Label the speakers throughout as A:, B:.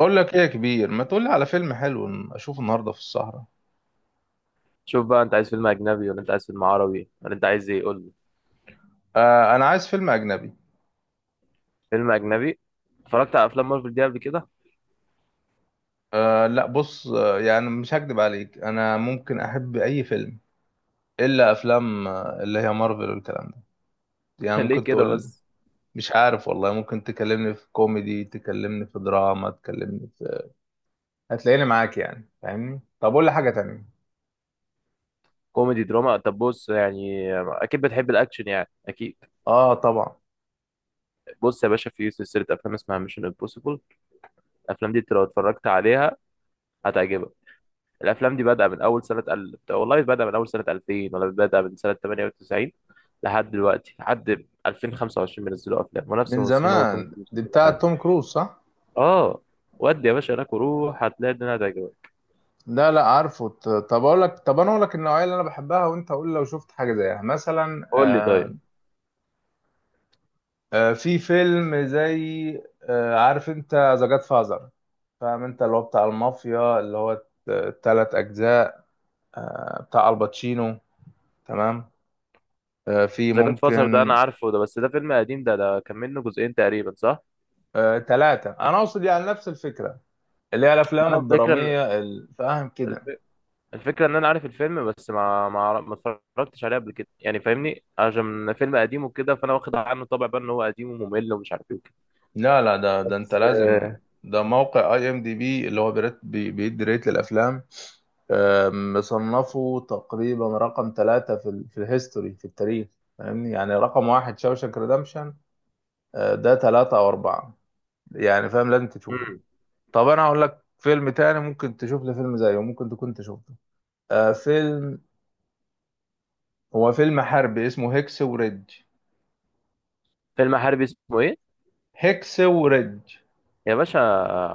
A: اقول لك ايه يا كبير؟ ما تقول لي على فيلم حلو اشوفه النهارده في السهرة.
B: شوف بقى، انت عايز فيلم اجنبي ولا انت عايز فيلم عربي ولا انت عايز ايه، قول لي.
A: آه، انا عايز فيلم اجنبي.
B: فيلم اجنبي. اتفرجت على افلام مارفل دي قبل كده؟
A: آه لا بص، يعني مش هكدب عليك، انا ممكن احب اي فيلم الا افلام اللي هي مارفل والكلام ده. يعني
B: ليه
A: ممكن
B: كده
A: تقول.
B: بس؟
A: مش عارف والله، ممكن تكلمني في كوميدي، تكلمني في دراما، تكلمني في... هتلاقيني معاك يعني، فاهمني؟ طب قول لي حاجة تانية.
B: كوميدي دراما، طب بص يعني اكيد بتحب الاكشن، يعني اكيد.
A: اه طبعا.
B: بص يا باشا، في سلسله افلام اسمها ميشن امبوسيبل. الافلام دي انت لو اتفرجت عليها هتعجبك. الافلام دي بادئه من اول سنه والله بادئه من اول سنه 2000 ولا بادئه من سنه 98. لحد دلوقتي لحد 2025 بينزلوا افلام ونفس
A: من
B: الممثلين، هو
A: زمان
B: توم كروز
A: دي
B: كل
A: بتاعة
B: حاجه.
A: توم كروز، صح؟
B: اه. ودي يا باشا هناك، وروح هتلاقي الدنيا هتعجبك.
A: لا لا عارفه. طب اقول لك، طب انا اقول لك النوعيه اللي انا بحبها، وانت قول لو شفت حاجه زيها. مثلا
B: قول لي طيب.
A: في فيلم زي عارف انت ذا جاد فازر؟ فاهم؟ انت اللي هو بتاع المافيا، اللي هو ال3 اجزاء بتاع الباتشينو. تمام؟ في
B: ذا جاد فازر ده انا
A: ممكن
B: عارفه ده، بس ده فيلم قديم، ده كان منه جزئين تقريبا، صح؟
A: ثلاثه، انا اقصد يعني نفس الفكره، اللي هي
B: ما
A: الافلام
B: انا الفكره ان
A: الدراميه فاهم كده؟
B: الف- الفكره ان انا عارف الفيلم، بس ما اتفرجتش عليه قبل كده، يعني فاهمني، عشان فيلم قديم وكده، فانا واخد عنه طبع بقى ان هو قديم وممل ومش عارف ايه وكده.
A: لا لا، ده انت
B: بس
A: لازم...
B: آه،
A: ده موقع اي ام دي بي اللي هو بيدي ريت للافلام. مصنفه تقريبا رقم 3 في ال في الهيستوري، في التاريخ. فاهمني؟ يعني رقم 1 شاوشانك ريدمشن، ده 3 أو 4. يعني فاهم؟ لازم تشوفه.
B: مم.
A: طب أنا هقول لك فيلم تاني ممكن تشوف لي فيلم زيه، ممكن تكون شفته. آه، فيلم، هو فيلم حربي اسمه هيكس وريدج.
B: فيلم حربي اسمه ايه؟
A: هيكس وريدج.
B: يا باشا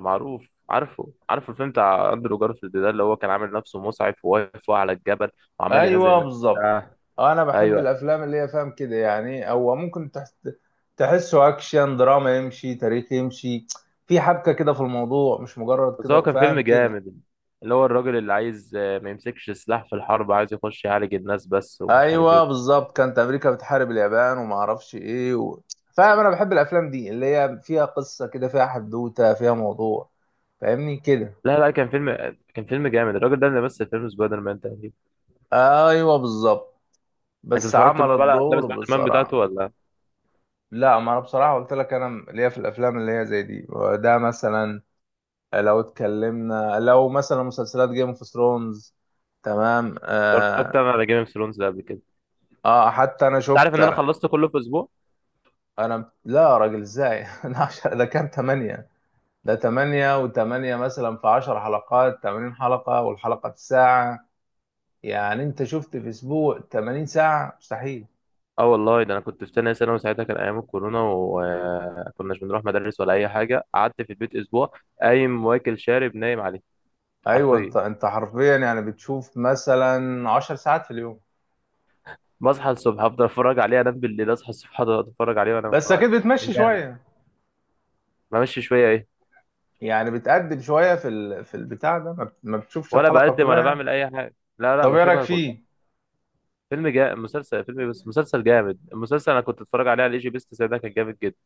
B: معروف، عارفه الفيلم بتاع اندرو جارفيلد ده، اللي هو كان عامل نفسه مسعف وواقف فوق على الجبل وعمال ينزل
A: ايوه
B: الناس.
A: بالظبط.
B: آه.
A: انا بحب
B: ايوه،
A: الافلام اللي هي فاهم كده، يعني هو ممكن تحس تحسه اكشن، دراما يمشي، تاريخ يمشي، في حبكه كده في الموضوع، مش مجرد
B: بس هو
A: كده،
B: كان
A: فاهم
B: فيلم
A: كده؟
B: جامد، اللي هو الراجل اللي عايز ما يمسكش سلاح في الحرب، عايز يخش يعالج الناس بس ومش عارف ايه
A: ايوه
B: وكده.
A: بالظبط، كانت امريكا بتحارب اليابان وما اعرفش ايه و... فاهم، انا بحب الافلام دي اللي هي فيها قصه كده، فيها حدوته، فيها موضوع، فاهمني كده؟
B: لا لا، كان فيلم جامد، الراجل ده اللي مثل فيلم سبايدر مان تقريبا.
A: ايوه بالظبط،
B: انت
A: بس
B: اتفرجت
A: عمل
B: بقى على افلام
A: الدور
B: سبايدر مان بتاعته
A: بصراحه.
B: ولا؟
A: لا، ما انا بصراحه قلت لك، انا ليا في الافلام اللي هي زي دي. ده مثلا، لو اتكلمنا لو مثلا مسلسلات جيم اوف ثرونز. تمام.
B: اتفرجت
A: آه.
B: انا على جيم اوف ثرونز ده قبل كده.
A: اه حتى انا
B: انت عارف
A: شفت
B: ان انا
A: انا.
B: خلصت كله في اسبوع؟
A: أنا لا يا راجل، ازاي؟ انا عشر، ده كان 8. ده 8 و8، مثلا في 10 حلقات، 80 حلقة، والحلقة في ساعة. يعني انت شفت في اسبوع 80 ساعة؟ مستحيل.
B: اه والله، ده انا كنت في تانية ثانوي وساعتها كان ايام الكورونا وكناش بنروح مدارس ولا اي حاجه، قعدت في البيت اسبوع قايم واكل شارب نايم عليه.
A: ايوه، انت
B: حرفيا.
A: انت حرفيا يعني بتشوف مثلا 10 ساعات في اليوم.
B: بصحى الصبح افضل اتفرج عليه، انام بالليل اصحى الصبح افضل اتفرج عليه وانام
A: بس
B: عليه.
A: اكيد بتمشي شوية.
B: بمشي شويه ايه؟
A: يعني بتقدم شوية في ال... في البتاع ده، ما بتشوفش
B: ولا
A: الحلقة
B: بقدم
A: كلها
B: ولا
A: يعني.
B: بعمل اي حاجه، لا لا،
A: طب ايه رايك
B: بشوفها كلها.
A: فيه؟
B: فيلم جا مسلسل، فيلم بس مسلسل جامد، المسلسل انا كنت اتفرج عليه على الاي جي بيست، ده كان جامد جدا.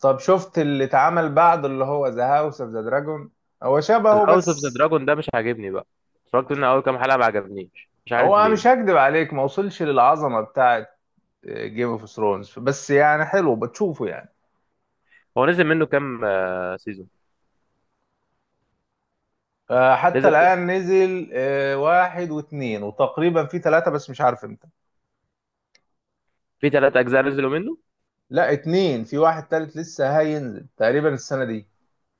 A: طب شفت اللي اتعمل بعد، اللي هو ذا هاوس اوف ذا دراجون؟ هو شبهه
B: هاوس اوف ذا
A: بس.
B: دراجون ده مش عاجبني بقى. اتفرجت منه اول كام حلقه ما عجبنيش، مش عارف
A: هو مش
B: ليه.
A: هكدب عليك، ما وصلش للعظمه بتاعت جيم اوف ثرونز، بس يعني حلو، بتشوفه يعني.
B: هو نزل منه كام سيزون؟
A: آه، حتى
B: نزل.
A: الان نزل آه، 1 و2، وتقريبا في 3 بس مش عارف امتى.
B: في ثلاث اجزاء نزلوا منه.
A: لا، اتنين، في واحد تالت لسه هينزل تقريبا السنه دي.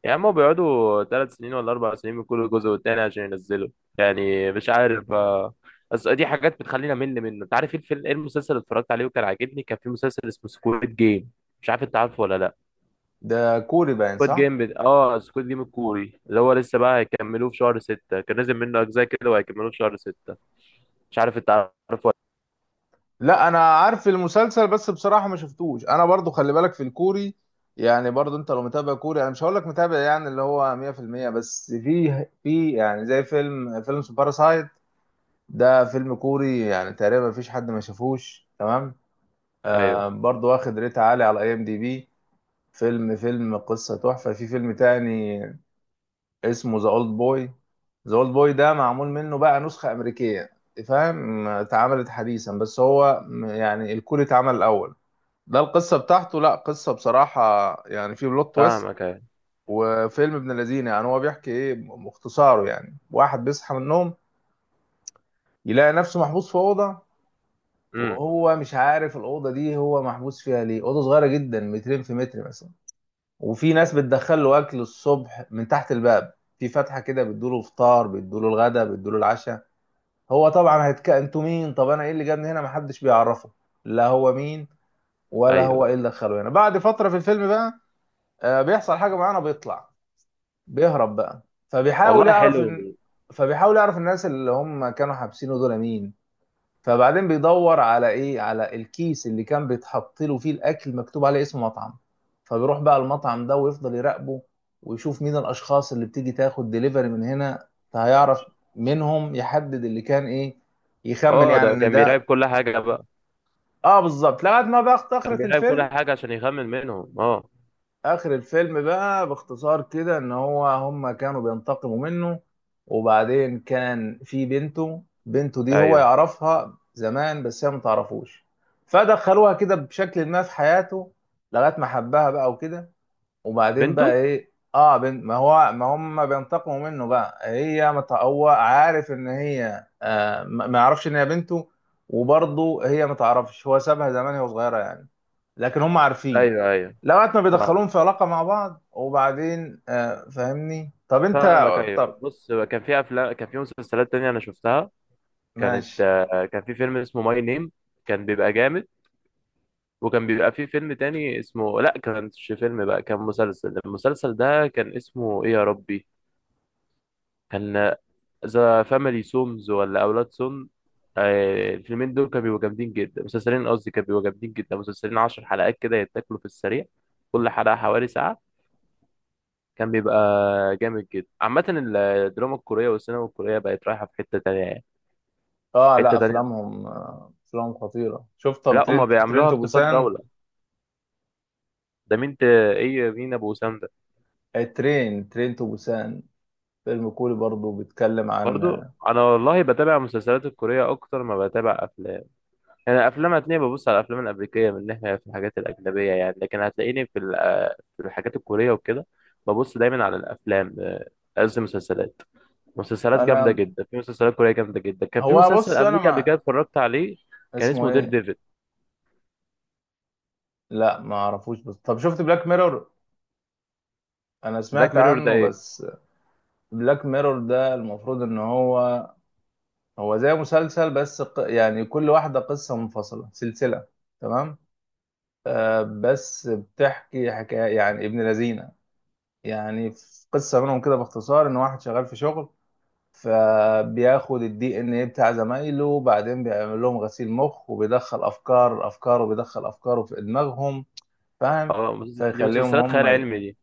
B: يا عم، هو بيقعدوا ثلاث سنين ولا اربع سنين من كل جزء والتاني عشان ينزلوا. يعني مش عارف. بس دي حاجات بتخلينا مل منه. انت عارف ايه الفيلم، ايه المسلسل اللي اتفرجت عليه وكان عاجبني؟ كان في مسلسل اسمه سكويد جيم. مش عارف انت عارفه ولا لا.
A: ده كوري باين، صح؟
B: اه، سكواد جيم الكوري، اللي هو لسه بقى هيكملوه في شهر ستة، كان نازل منه أجزاء كده وهيكملوه في شهر ستة. مش عارف أنت عارفه ولا؟
A: لا انا عارف المسلسل بس بصراحه ما شفتوش، انا برضو خلي بالك في الكوري. يعني برضو انت لو متابع كوري، انا مش هقول لك متابع يعني اللي هو 100%. بس في يعني زي فيلم باراسايت، ده فيلم كوري يعني تقريبا مفيش حد ما شافوش، تمام؟
B: لأ.
A: آه،
B: أيوه.
A: برضو واخد ريت عالي على اي ام دي بي. فيلم قصه تحفه. في فيلم تاني اسمه ذا اولد بوي. ذا اولد بوي ده معمول منه بقى نسخه امريكيه، فاهم؟ اتعملت حديثا، بس هو يعني الكوري اتعمل الاول. ده القصة بتاعته، لا قصة بصراحة، يعني في بلوت تويست.
B: فاهمك، أيوه.
A: وفيلم ابن الذين، يعني هو بيحكي ايه مختصاره؟ يعني واحد بيصحى من النوم، يلاقي نفسه محبوس في أوضة،
B: أمم.
A: وهو مش عارف الأوضة دي هو محبوس فيها ليه. أوضة صغيرة جدا، 2 م في 1 م مثلا. وفي ناس بتدخل له أكل الصبح من تحت الباب، في فتحة كده، بتدوله فطار، بتدوله الغدا، بتدوله العشاء. هو طبعا هيتك انتوا مين، طب انا ايه اللي جابني هنا، محدش بيعرفه، لا هو مين ولا هو
B: أيوه.
A: ايه اللي دخله هنا. بعد فترة في الفيلم بقى آه، بيحصل حاجة معينة، بيطلع، بيهرب بقى. فبيحاول
B: والله
A: يعرف
B: حلو.
A: ان... فبيحاول يعرف الناس اللي هم كانوا حابسينه دول مين. فبعدين بيدور على ايه، على الكيس اللي كان بيتحط له فيه الاكل، مكتوب عليه اسم مطعم. فبيروح بقى المطعم ده ويفضل يراقبه، ويشوف مين الاشخاص اللي بتيجي تاخد ديليفري من هنا، فهيعرف منهم، يحدد اللي كان ايه، يخمن
B: اه،
A: يعني اه
B: ده
A: ان
B: كان بيراقب
A: ده...
B: كل حاجة بقى.
A: اه بالظبط لغايه ما بقى
B: كان
A: اخرة
B: بيراقب كل
A: الفيلم.
B: حاجة عشان يخمن منهم، اه.
A: اخر الفيلم بقى باختصار كده، ان هو هما كانوا بينتقموا منه. وبعدين كان في بنته، بنته دي هو
B: أيوه.
A: يعرفها زمان بس هي ما تعرفوش. فدخلوها كده بشكل ما في حياته، لغايه ما حبها بقى وكده. وبعدين
B: بنته.
A: بقى ايه، اه بنت، ما هو، ما هم بينتقموا منه بقى، هي ما تع- هو عارف ان هي آه ما يعرفش ان هي بنته. وبرضه هي ما تعرفش، هو سابها زمان وهي صغيره يعني، لكن هم عارفين.
B: أيوه، أيوه.
A: لغايه ما
B: فاهم.
A: بيدخلوهم في علاقه مع بعض، وبعدين آه فاهمني؟ طب انت...
B: فاهمك، أيوه.
A: طب
B: بص، كان في أفلام، كان في مسلسلات تانية أنا شفتها.
A: ماشي.
B: كان في فيلم اسمه ماي نيم، كان بيبقى جامد. وكان بيبقى فيه فيلم تاني اسمه، لا كانش فيلم بقى كان مسلسل، المسلسل ده كان اسمه ايه يا ربي؟ كان ذا فاميلي سومز ولا اولاد سوم. الفيلمين دول كانوا بيبقوا جامدين جدا، مسلسلين قصدي، كانوا بيبقوا جامدين جدا، مسلسلين عشر حلقات كده يتاكلوا في السريع، كل حلقة حوالي ساعة. كان بيبقى جامد جدا. عامة الدراما الكورية والسينما الكورية بقت رايحة في حتة تانية، يعني
A: اه
B: حتة
A: لا
B: تانية.
A: افلامهم آه افلامهم خطيره. شفت طب
B: لا، هما
A: ترينت،
B: بيعملوها اقتصاد
A: بوسان؟
B: دولة. ده مين ايه، مين ابو وسام ده؟
A: الترين، ترينت بوسان، فيلم كوري برضو، بيتكلم عن
B: برضو
A: آه...
B: انا والله بتابع مسلسلات الكوريه اكتر ما بتابع افلام. يعني الافلام هتلاقيني ببص على الافلام الامريكيه من ناحيه في الحاجات الاجنبيه يعني، لكن هتلاقيني في في الحاجات الكوريه وكده. ببص دايما على الافلام. قصدي مسلسلات، مسلسلات جامده
A: انا،
B: جدا، في مسلسلات كوريه جامده جدا. كان في
A: هو
B: مسلسل
A: بص انا
B: امريكي قبل
A: مع...
B: كده اتفرجت عليه، كان
A: اسمه
B: اسمه دير
A: ايه؟
B: ديفل.
A: لا ما اعرفوش. بس طب شفت بلاك ميرور؟ انا
B: بلاك
A: سمعت
B: ميرور ده
A: عنه
B: ايه؟
A: بس. بلاك ميرور ده المفروض ان هو، هو زي مسلسل بس يعني كل واحدة قصة منفصلة، سلسلة، تمام؟ آه، بس بتحكي حكاية يعني ابن لذينة. يعني في قصة منهم كده باختصار، ان واحد شغال في شغل، فبياخد الدي ان ايه بتاع زمايله، وبعدين بيعمل لهم غسيل مخ، وبيدخل افكار، افكاره، بيدخل افكاره في دماغهم، فاهم؟
B: اه، دي
A: فيخليهم
B: مسلسلات
A: هم
B: خيال علمي دي.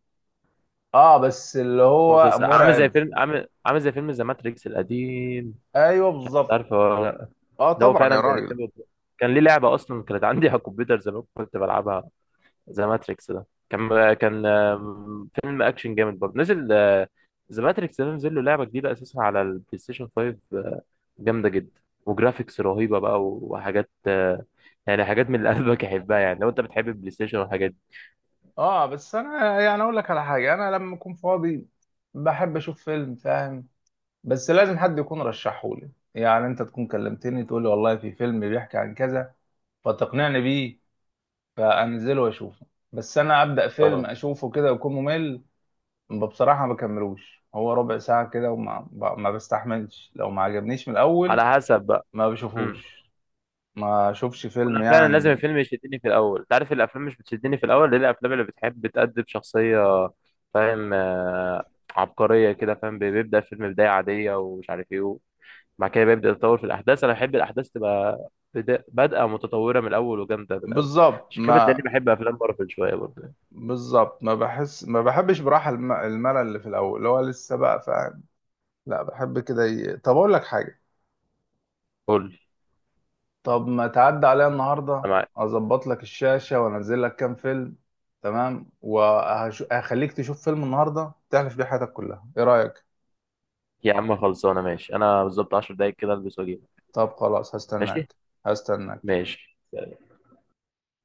A: اه بس اللي هو
B: مسلسل عامل زي
A: مرعب.
B: فيلم، عامل زي فيلم ذا ماتريكس القديم،
A: ايوه بالظبط.
B: عارفه؟
A: اه
B: ده هو
A: طبعا
B: فعلا
A: يا راجل.
B: بيركبه. كان ليه لعبه اصلا كانت عندي على الكمبيوتر زمان كنت بلعبها. ذا ماتريكس ده كان فيلم اكشن جامد، برضه نزل. ذا ماتريكس ده نزل له لعبه جديده اساسا على البلاي ستيشن 5. جامده جدا وجرافيكس رهيبه بقى وحاجات. يعني حاجات من اللي قلبك يحبها، يعني لو انت بتحب البلاي ستيشن والحاجات دي.
A: اه بس انا يعني اقول لك على حاجة، انا لما اكون فاضي بحب اشوف فيلم، فاهم؟ بس لازم حد يكون رشحه لي، يعني انت تكون كلمتني تقول لي والله في فيلم بيحكي عن كذا، فتقنعني بيه، فانزله واشوفه. بس انا ابدا فيلم
B: اه،
A: اشوفه كده ويكون ممل، بصراحه ما بكملوش، هو ربع ساعه كده ما بستحملش لو ما عجبنيش من الاول.
B: على حسب بقى.
A: ما
B: مم.
A: بشوفوش، ما اشوفش فيلم
B: وانا فعلا لازم
A: يعني.
B: الفيلم يشدني في الاول. انت عارف الافلام مش بتشدني في الاول ليه؟ الافلام اللي بتحب بتقدم شخصيه فاهم، عبقريه كده، فاهم؟ بيبدا الفيلم بدايه عاديه ومش عارف ايه، وبعد كده بيبدا يتطور في الاحداث. انا بحب الاحداث تبقى بادئه متطوره من الاول وجامده من الاول.
A: بالظبط،
B: عشان كده بتلاقيني بحب افلام مارفل شويه برضه.
A: ما بحس، ما بحبش براحه الملل اللي في الاول، اللي هو لسه بقى، فاهم؟ لا بحب كده ي... طب اقول لك حاجه،
B: قول لي.
A: طب ما تعدي عليا النهارده،
B: انا معاك.
A: اظبط لك الشاشه وانزل لك كام فيلم، تمام؟ وهخليك تشوف فيلم النهارده تحلف بيه حياتك كلها، ايه رايك؟
B: يا عم خلصانه، ماشي، انا بالظبط 10 دقايق كده البس واجيلك.
A: طب خلاص
B: ماشي.
A: هستناك. هستناك.
B: ماشي.